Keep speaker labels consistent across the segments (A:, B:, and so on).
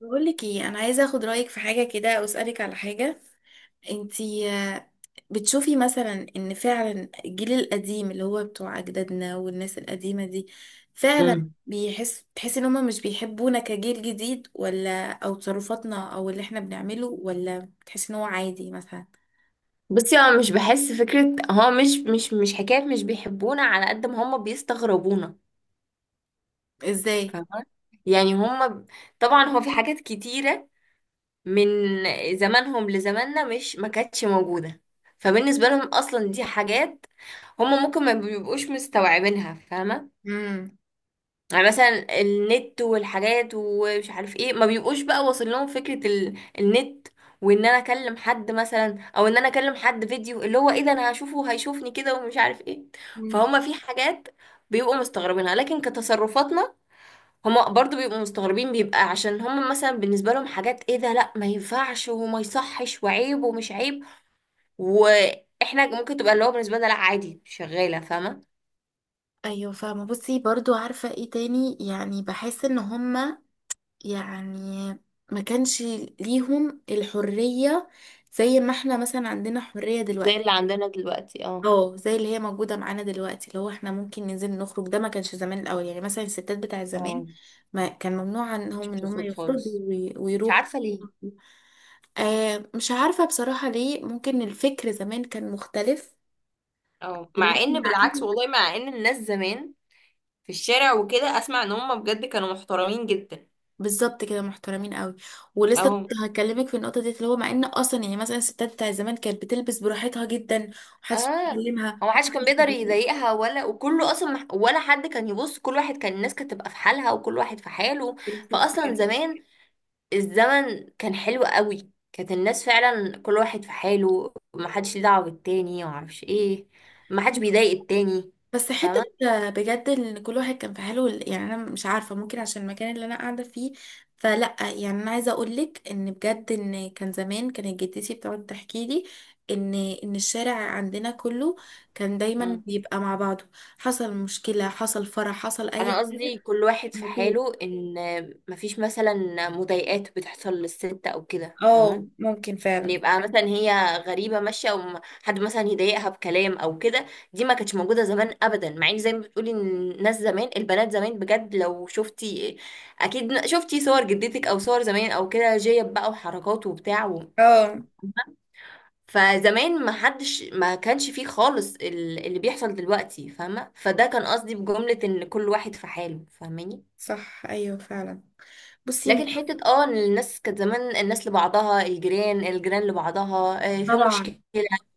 A: بقولك ايه، انا عايزه اخد رايك في حاجه كده او اسالك على حاجه. انتي بتشوفي مثلا ان فعلا الجيل القديم اللي هو بتوع اجدادنا والناس القديمه دي فعلا
B: امم
A: بيحس تحسي ان هما مش بيحبونا كجيل جديد، ولا او تصرفاتنا او اللي احنا بنعمله، ولا بتحسي ان هو عادي مثلا؟
B: بصي، هو مش بحس فكرة. هو مش حكاية مش بيحبونا على قد ما هم بيستغربونا.
A: ازاي؟
B: فاهمة؟ يعني هم ب-، طبعا هو في حاجات كتيرة من زمانهم لزماننا مش ما كانتش موجودة. فبالنسبة لهم أصلا دي حاجات هم ممكن ما بيبقوش مستوعبينها، فاهمة.
A: امم.
B: يعني مثلا النت والحاجات ومش عارف ايه، ما بيبقوش بقى واصل لهم فكرة ال-، النت. وان انا اكلم حد مثلا، او ان انا اكلم حد فيديو، اللي هو ايه ده، انا هشوفه هيشوفني كده ومش عارف ايه. فهم في حاجات بيبقوا مستغربينها، لكن كتصرفاتنا هم برضو بيبقوا مستغربين، بيبقى عشان هم مثلا بالنسبة لهم حاجات ايه ده، لا ما ينفعش وما يصحش وعيب ومش عيب. واحنا ممكن تبقى اللي هو بالنسبة لنا لا عادي، شغالة، فاهمة.
A: ايوه فاهمه. بصي برضو عارفه ايه تاني؟ يعني بحس ان هما يعني ما كانش ليهم الحرية زي ما احنا مثلا عندنا حرية
B: زي
A: دلوقتي.
B: اللي عندنا دلوقتي، اه.
A: اه زي اللي هي موجودة معانا دلوقتي، اللي هو احنا ممكن ننزل نخرج. ده ما كانش زمان الأول، يعني مثلا الستات بتاع زمان
B: اه،
A: ما كان ممنوع
B: مش
A: عنهم ان هم
B: بتخرج
A: يخرجوا
B: خالص. مش
A: ويروحوا.
B: عارفة ليه.
A: آه مش عارفة بصراحة ليه، ممكن الفكر زمان كان مختلف
B: اه، مع
A: دلوقتي.
B: ان بالعكس والله، مع ان الناس زمان في الشارع وكده، اسمع ان هم بجد كانوا محترمين جدا.
A: بالظبط كده، محترمين قوي. ولسه كنت
B: اهو.
A: هكلمك في النقطه دي، اللي هو مع ان اصلا يعني مثلا الستات بتاع زمان كانت بتلبس براحتها جدا ومحدش
B: اه، هو
A: بيكلمها
B: محدش كان
A: محدش
B: بيقدر
A: بيضايقها.
B: يضايقها ولا، وكله اصلا مح-، ولا حد كان يبص، كل واحد كان، الناس كانت تبقى في حالها وكل واحد في حاله.
A: بالظبط
B: فاصلا
A: كده.
B: زمان الزمن كان حلو قوي، كانت الناس فعلا كل واحد في حاله، محدش ليه دعوة بالتاني ومعرفش ايه. محدش بيضايق التاني،
A: بس حته
B: فاهمة.
A: بجد ان كل واحد كان في حاله، يعني انا مش عارفه ممكن عشان المكان اللي انا قاعده فيه، فلا. يعني انا عايزه اقول لك ان بجد ان كان زمان كانت جدتي بتقعد تحكي لي ان ان الشارع عندنا كله كان دايما بيبقى مع بعضه، حصل مشكله، حصل فرح، حصل اي
B: انا
A: حاجه.
B: قصدي كل واحد في حاله، ان مفيش مثلا مضايقات بتحصل للست او كده،
A: اه
B: فاهمه.
A: ممكن
B: ان
A: فعلا.
B: يبقى مثلا هي غريبه ماشيه، او م-، حد مثلا يضايقها بكلام او كده. دي ما كانتش موجوده زمان ابدا. مع ان زي ما بتقولي إن الناس زمان، البنات زمان بجد لو شفتي، اكيد شفتي صور جدتك او صور زمان او كده، جيب بقى وحركات وبتاع و...،
A: اه
B: فزمان ما حدش، ما كانش فيه خالص ال-، اللي بيحصل دلوقتي، فاهمه. فده كان قصدي بجمله ان كل واحد في حاله، فاهماني.
A: صح ايوه فعلا. بصي مش
B: لكن حتة اه ان الناس كانت زمان الناس لبعضها، الجيران لبعضها، في
A: طبعا.
B: مشكلة،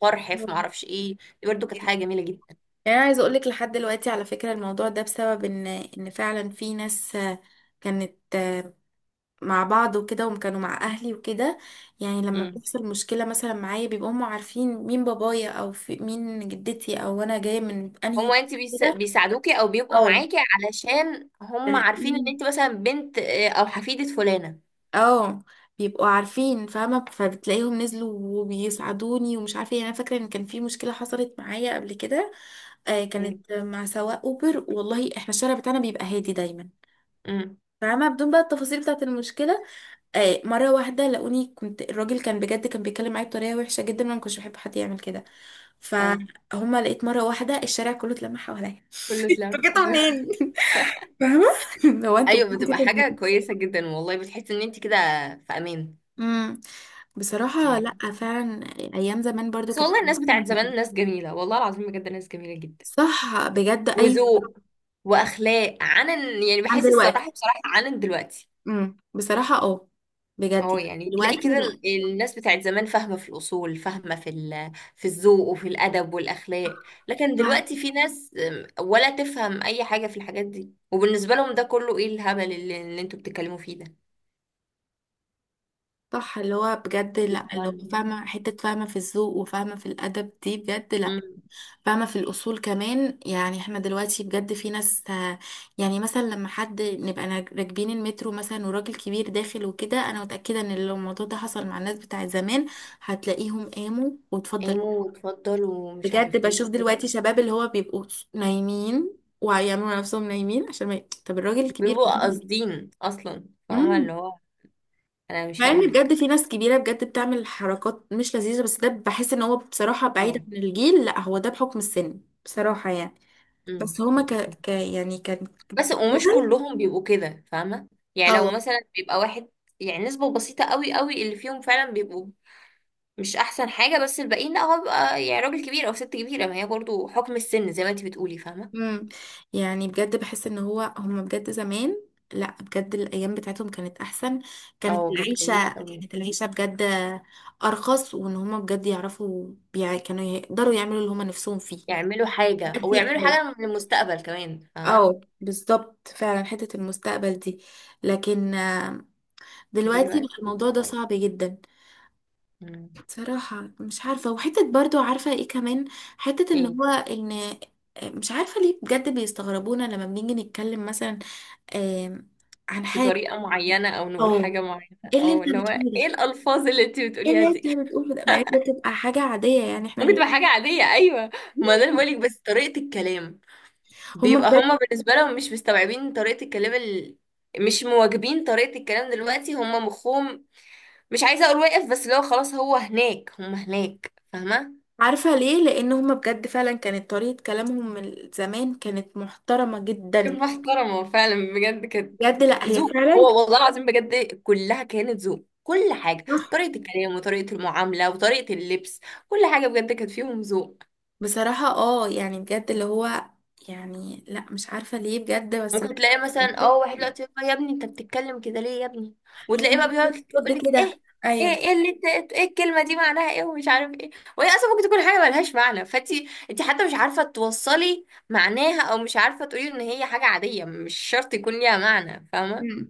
B: فرح، في
A: آه.
B: معرفش ايه. دي برضه كانت
A: يعني
B: حاجة جميلة جدا.
A: انا عايزه اقول لك لحد دلوقتي على فكره الموضوع ده بسبب ان فعلا في ناس كانت مع بعض وكده، وكانوا مع اهلي وكده. يعني لما
B: مم.
A: بيحصل مشكله مثلا معايا بيبقوا هم عارفين مين بابايا او في مين جدتي او انا جايه من انهي.
B: هما انت بيس-،
A: كده
B: بيساعدوكي او بيبقوا معاكي علشان هم
A: اه.
B: عارفين ان انت مثلا بنت او حفيدة فلانة.
A: اه بيبقوا عارفين، فاهمة، فبتلاقيهم نزلوا وبيساعدوني، ومش عارفة ايه. انا فاكرة ان كان في مشكلة حصلت معايا قبل كده، آه،
B: مم.
A: كانت مع سواق اوبر. والله احنا الشارع بتاعنا بيبقى هادي دايما.
B: امم
A: فاهمة، بدون بقى التفاصيل بتاعة المشكلة، آه، مرة واحدة لقوني. كنت الراجل كان بجد كان بيتكلم معايا بطريقة وحشة جدا، وانا ما كنتش بحب حد يعمل كده،
B: اه،
A: فهما لقيت مرة واحدة الشارع كله اتلم حواليا
B: كله
A: انتوا
B: اتلم
A: جيتوا
B: ايوه.
A: منين؟ فاهمة. لو انتوا
B: ايوه، بتبقى
A: بتجيبوا.
B: حاجة كويسة جدا والله، بتحسي ان انت كده في امان.
A: امم. بصراحة لأ
B: ايوه.
A: فعلا. أيام زمان برضو
B: بس
A: كانت.
B: والله الناس بتاعت زمان ناس جميلة، والله العظيم بجد ناس جميلة جدا،
A: صح بجد أي.
B: وذوق واخلاق عنن، يعني
A: عن
B: بحس الصراحه،
A: دلوقتي.
B: بصراحه عنن دلوقتي.
A: بصراحة اه. بجد
B: اهو،
A: يعني
B: يعني تلاقي
A: دلوقتي
B: كده
A: لأ.
B: ال-، الناس بتاعت زمان فاهمه في الاصول، فاهمه في ال-، في الذوق وفي الادب والاخلاق. لكن دلوقتي
A: فاهمة.
B: في ناس ولا تفهم اي حاجه في الحاجات دي، وبالنسبه لهم ده كله ايه الهبل اللي انتوا بتتكلموا فيه ده.
A: صح اللي هو بجد لأ، اللي هو
B: طبعاً.
A: فاهمة حتة، فاهمة في الذوق، وفاهمة في الأدب دي بجد لأ.
B: أمم.
A: فاهمة في الأصول كمان. يعني احنا دلوقتي بجد في ناس يعني مثلا لما حد نبقى راكبين المترو مثلا وراجل كبير داخل وكده، أنا متأكدة إن لو الموضوع ده حصل مع الناس بتاعت زمان هتلاقيهم قاموا واتفضل.
B: قاموا واتفضلوا ومش عارف
A: بجد
B: ايه
A: بشوف
B: وكده.
A: دلوقتي شباب اللي هو بيبقوا نايمين ويعملوا على نفسهم نايمين عشان ما ي... طب الراجل الكبير
B: بيبقوا قاصدين اصلا، فاهمه، اللي
A: امم.
B: هو انا مش
A: مع
B: هقوم
A: ان بجد
B: لك.
A: في ناس كبيره بجد بتعمل حركات مش لذيذه، بس ده بحس ان هو بصراحه بعيد
B: اهو.
A: عن الجيل، لا هو ده بحكم السن بصراحه يعني.
B: أمم.
A: بس هما يعني كان.
B: بس ومش كلهم بيبقوا كده، فاهمة. يعني لو
A: اه.
B: مثلا بيبقى واحد، يعني نسبة بسيطة قوي قوي اللي فيهم فعلا بيبقوا مش أحسن حاجة. بس الباقيين لا، هو بيبقى يعني راجل كبير أو ست كبيرة، ما هي برضو حكم السن زي ما انتي بتقولي، فاهمة.
A: مم. يعني بجد بحس ان هو هما بجد زمان، لا بجد الايام بتاعتهم كانت احسن. كانت
B: اه، كانت
A: العيشه
B: جميلة قوي.
A: كانت العيشه بجد ارخص، وان هما بجد يعرفوا كانوا يقدروا يعملوا اللي هما نفسهم فيه.
B: يعملوا حاجة، أو
A: دلوقتي
B: يعملوا
A: اه.
B: حاجة للمستقبل كمان، فاهمة.
A: بالظبط فعلا حته المستقبل دي. لكن دلوقتي بقى
B: دلوقتي لا
A: الموضوع ده صعب
B: خالص.
A: جدا.
B: مم.
A: صراحه مش عارفه. وحته برضو عارفه ايه كمان، حته ان
B: ايه.
A: هو ان مش عارفه ليه بجد بيستغربونا لما بنيجي نتكلم مثلا آم، عن حاجة،
B: بطريقة معينة أو نقول
A: أو
B: حاجة معينة
A: إيه اللي أنت
B: أو اللي هو،
A: بتقوله
B: ايه
A: ده؟
B: الألفاظ اللي انتي
A: إيه
B: بتقوليها
A: اللي أنت
B: دي
A: بتقوله ده؟ مع إن ده تبقى حاجة عادية يعني إحنا
B: ممكن تبقى حاجة عادية، أيوة. ما ده اللي بقولك، بس طريقة الكلام
A: هما
B: بيبقى
A: بجد.
B: هما بالنسبة لهم مش مستوعبين طريقة الكلام ال-، مش مواجبين طريقة الكلام دلوقتي. هما مخهم مش عايزة اقول واقف، بس لو خلاص هو هناك هما هناك، فاهمة.
A: عارفة ليه؟ لأن هما بجد فعلا كانت طريقة كلامهم من زمان كانت محترمة
B: كانت
A: جدا.
B: محترمة فعلا بجد، كانت
A: بجد لأ هي
B: ذوق.
A: فعلا.
B: هو والله العظيم بجد كلها كانت ذوق، كل حاجة،
A: صح.
B: طريقة الكلام وطريقة المعاملة وطريقة اللبس، كل حاجة بجد كانت فيهم ذوق.
A: بصراحة اه يعني بجد اللي هو، يعني لأ مش عارفة ليه بجد بس اللي
B: ممكن تلاقي مثلا
A: هو.
B: اه واحد دلوقتي يقول لها يا ابني، انت بتتكلم كده ليه يا ابني؟
A: هو
B: وتلاقيه بقى بيقعد
A: حسيت ضد
B: يقول لك
A: كده.
B: ايه اللي انت، ايه الكلمه دي معناها ايه ومش عارف ايه. وهي اصلا ممكن تكون حاجه ملهاش معنى، فانت حتى مش عارفه توصلي معناها، او مش عارفه تقولي ان هي حاجه عاديه مش شرط يكون ليها معنى، فاهمه.
A: أيوه.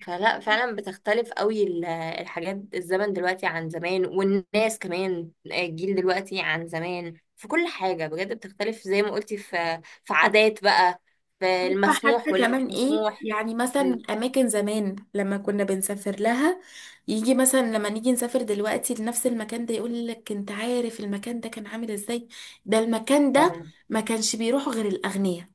B: فلا، فعلا بتختلف قوي ال-، الحاجات، الزمن دلوقتي عن زمان، والناس كمان الجيل دلوقتي عن زمان في كل حاجة بجد بتختلف، زي ما قلتي في عادات بقى، في
A: عارفة
B: المسموح
A: حتى
B: واللي مش
A: كمان ايه؟
B: مسموح.
A: يعني مثلا
B: أمم.
A: اماكن زمان لما كنا بنسافر لها، يجي مثلا لما نيجي نسافر دلوقتي لنفس المكان ده يقول لك انت عارف المكان ده كان عامل ازاي؟ ده المكان ده
B: اه.
A: ما كانش بيروحوا غير الاغنياء.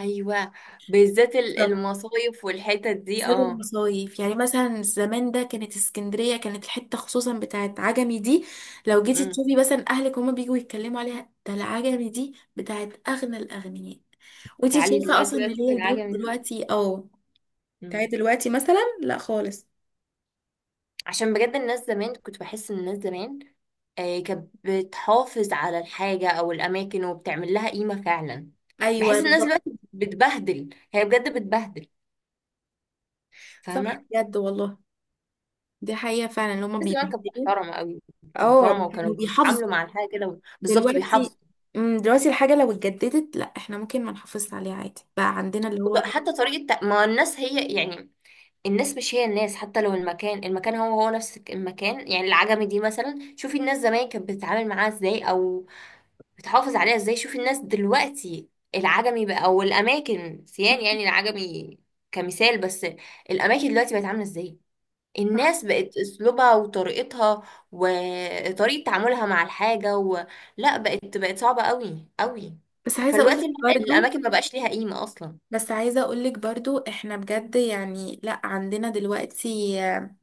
B: ايوه، بالذات ال-،
A: بالظبط.
B: المصايف والحتت دي،
A: زاد
B: اه.
A: المصايف، يعني مثلا زمان ده كانت اسكندرية، كانت الحتة خصوصا بتاعت عجمي دي لو جيتي
B: أمم.
A: تشوفي مثلا اهلك هما بيجوا يتكلموا عليها، ده العجمي دي بتاعت اغنى الاغنياء. وانتي
B: تعالي
A: شايفة
B: دلوقتي
A: اصلا ان
B: بقى
A: اللي
B: شوفي
A: هي البيوت
B: العجمة دي.
A: دلوقتي اه
B: مم.
A: بتاعت دلوقتي مثلا لا خالص.
B: عشان بجد الناس زمان، كنت بحس ان الناس زمان كانت بتحافظ على الحاجة او الاماكن وبتعمل لها قيمة فعلا. بحس
A: ايوه
B: الناس
A: بالظبط.
B: دلوقتي بتبهدل، هي بجد بتبهدل،
A: صح
B: فاهمة.
A: بجد والله، دي حقيقة فعلا اللي هما
B: الناس زمان كانت
A: بيبهدلوا.
B: محترمة قوي.
A: اه
B: محترمة
A: كانوا
B: وكانوا
A: بيحافظوا.
B: بيتعاملوا مع الحاجة كده بالظبط،
A: دلوقتي
B: بيحافظوا.
A: مم، دلوقتي الحاجة لو اتجددت لا احنا ممكن ما نحافظش عليها عادي، بقى عندنا اللي هو.
B: وط-، حتى طريقة تق-، ما الناس هي يعني الناس مش هي الناس، حتى لو المكان، المكان هو هو نفس المكان. يعني العجمي دي مثلا، شوفي الناس زمان كانت بتتعامل معاها ازاي او بتحافظ عليها ازاي، شوف الناس دلوقتي. العجمي بقى او الاماكن سيان، يعني العجمي كمثال بس. الاماكن دلوقتي بقت عامله ازاي،
A: صح.
B: الناس بقت اسلوبها وطريقتها وطريقه تعاملها مع الحاجه و...، لا بقت، بقت صعبه قوي قوي.
A: بس عايزة
B: فالوقت
A: اقولك
B: ال-،
A: برضو
B: الاماكن ما بقاش ليها قيمه اصلا.
A: بس عايزة اقولك برضو احنا بجد يعني لا عندنا دلوقتي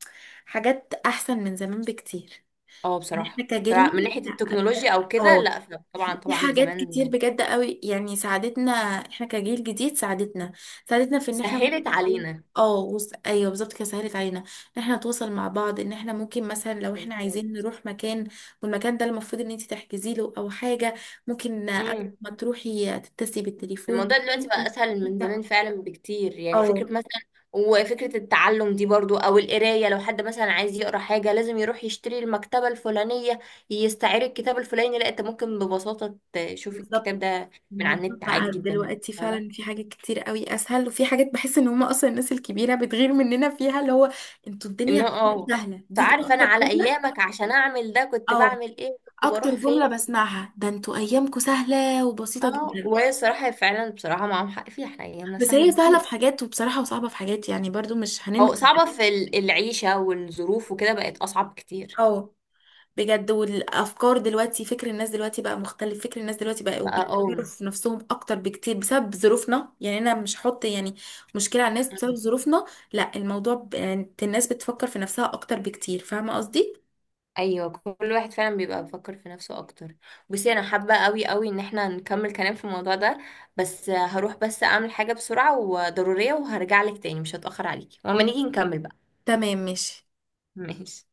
A: حاجات احسن من زمان بكتير.
B: اه
A: يعني احنا
B: بصراحه،
A: كجيلنا
B: بصراحه من ناحيه
A: لا بجد
B: التكنولوجيا او كده،
A: اه،
B: لا طبعا
A: في
B: طبعا
A: حاجات كتير
B: زمان،
A: بجد قوي يعني ساعدتنا احنا كجيل جديد، ساعدتنا، ساعدتنا في ان احنا
B: سهلت علينا.
A: اه ايوه بالظبط كده سهلت علينا ان احنا نتواصل مع بعض، ان احنا ممكن مثلا لو احنا عايزين
B: بالظبط.
A: نروح مكان والمكان ده المفروض ان انت تحجزي له او حاجه ممكن قبل
B: مم.
A: ما تروحي تتصلي بالتليفون.
B: الموضوع دلوقتي بقى اسهل من زمان فعلا بكتير، يعني فكرة
A: اه
B: مثلا، وفكرة التعلم دي برضو او القراية، لو حد مثلا عايز يقرا حاجة لازم يروح يشتري المكتبة الفلانية، يستعير الكتاب الفلاني، لا انت ممكن ببساطة تشوف الكتاب
A: بالظبط.
B: ده من
A: الموضوع
B: على النت عادي
A: بقى
B: جدا،
A: دلوقتي
B: فاهمة.
A: فعلا في حاجات كتير قوي اسهل، وفي حاجات بحس ان هم اصلا الناس الكبيره بتغير مننا فيها، اللي هو انتوا الدنيا
B: انه
A: عندكم
B: اه،
A: سهله، دي
B: فعارف انا
A: اكتر
B: على
A: جمله.
B: ايامك عشان اعمل ده كنت
A: اه
B: بعمل ايه، كنت
A: اكتر
B: بروح فين.
A: جمله بسمعها ده انتوا ايامكم سهله وبسيطه
B: اه،
A: جدا.
B: وهي الصراحة فعلا، بصراحة معاهم حق فيها، احنا ايامنا
A: بس
B: سهلة
A: هي سهله
B: بكتير.
A: في حاجات وبصراحه وصعبه في حاجات، يعني برضو مش
B: او
A: هننكر.
B: صعبة في ال-، العيشة والظروف وكده بقت اصعب كتير.
A: اه بجد. والافكار دلوقتي فكر الناس دلوقتي بقى مختلف، فكر الناس دلوقتي بقى
B: بقى
A: وبيفكروا
B: اه.
A: في نفسهم اكتر بكتير بسبب ظروفنا. يعني انا مش هحط يعني مشكلة على الناس بسبب ظروفنا. لا الموضوع يعني الناس بتفكر في نفسها اكتر بكتير، فاهمة قصدي.
B: ايوه، كل واحد فعلا بيبقى بيفكر في نفسه اكتر. بصي انا حابه قوي قوي ان احنا نكمل كلام في الموضوع ده، بس هروح بس اعمل حاجه بسرعه وضروريه وهرجع لك تاني، مش هتاخر عليكي، ولما
A: خلاص
B: نيجي نكمل بقى.
A: تمام ماشي.
B: ماشي.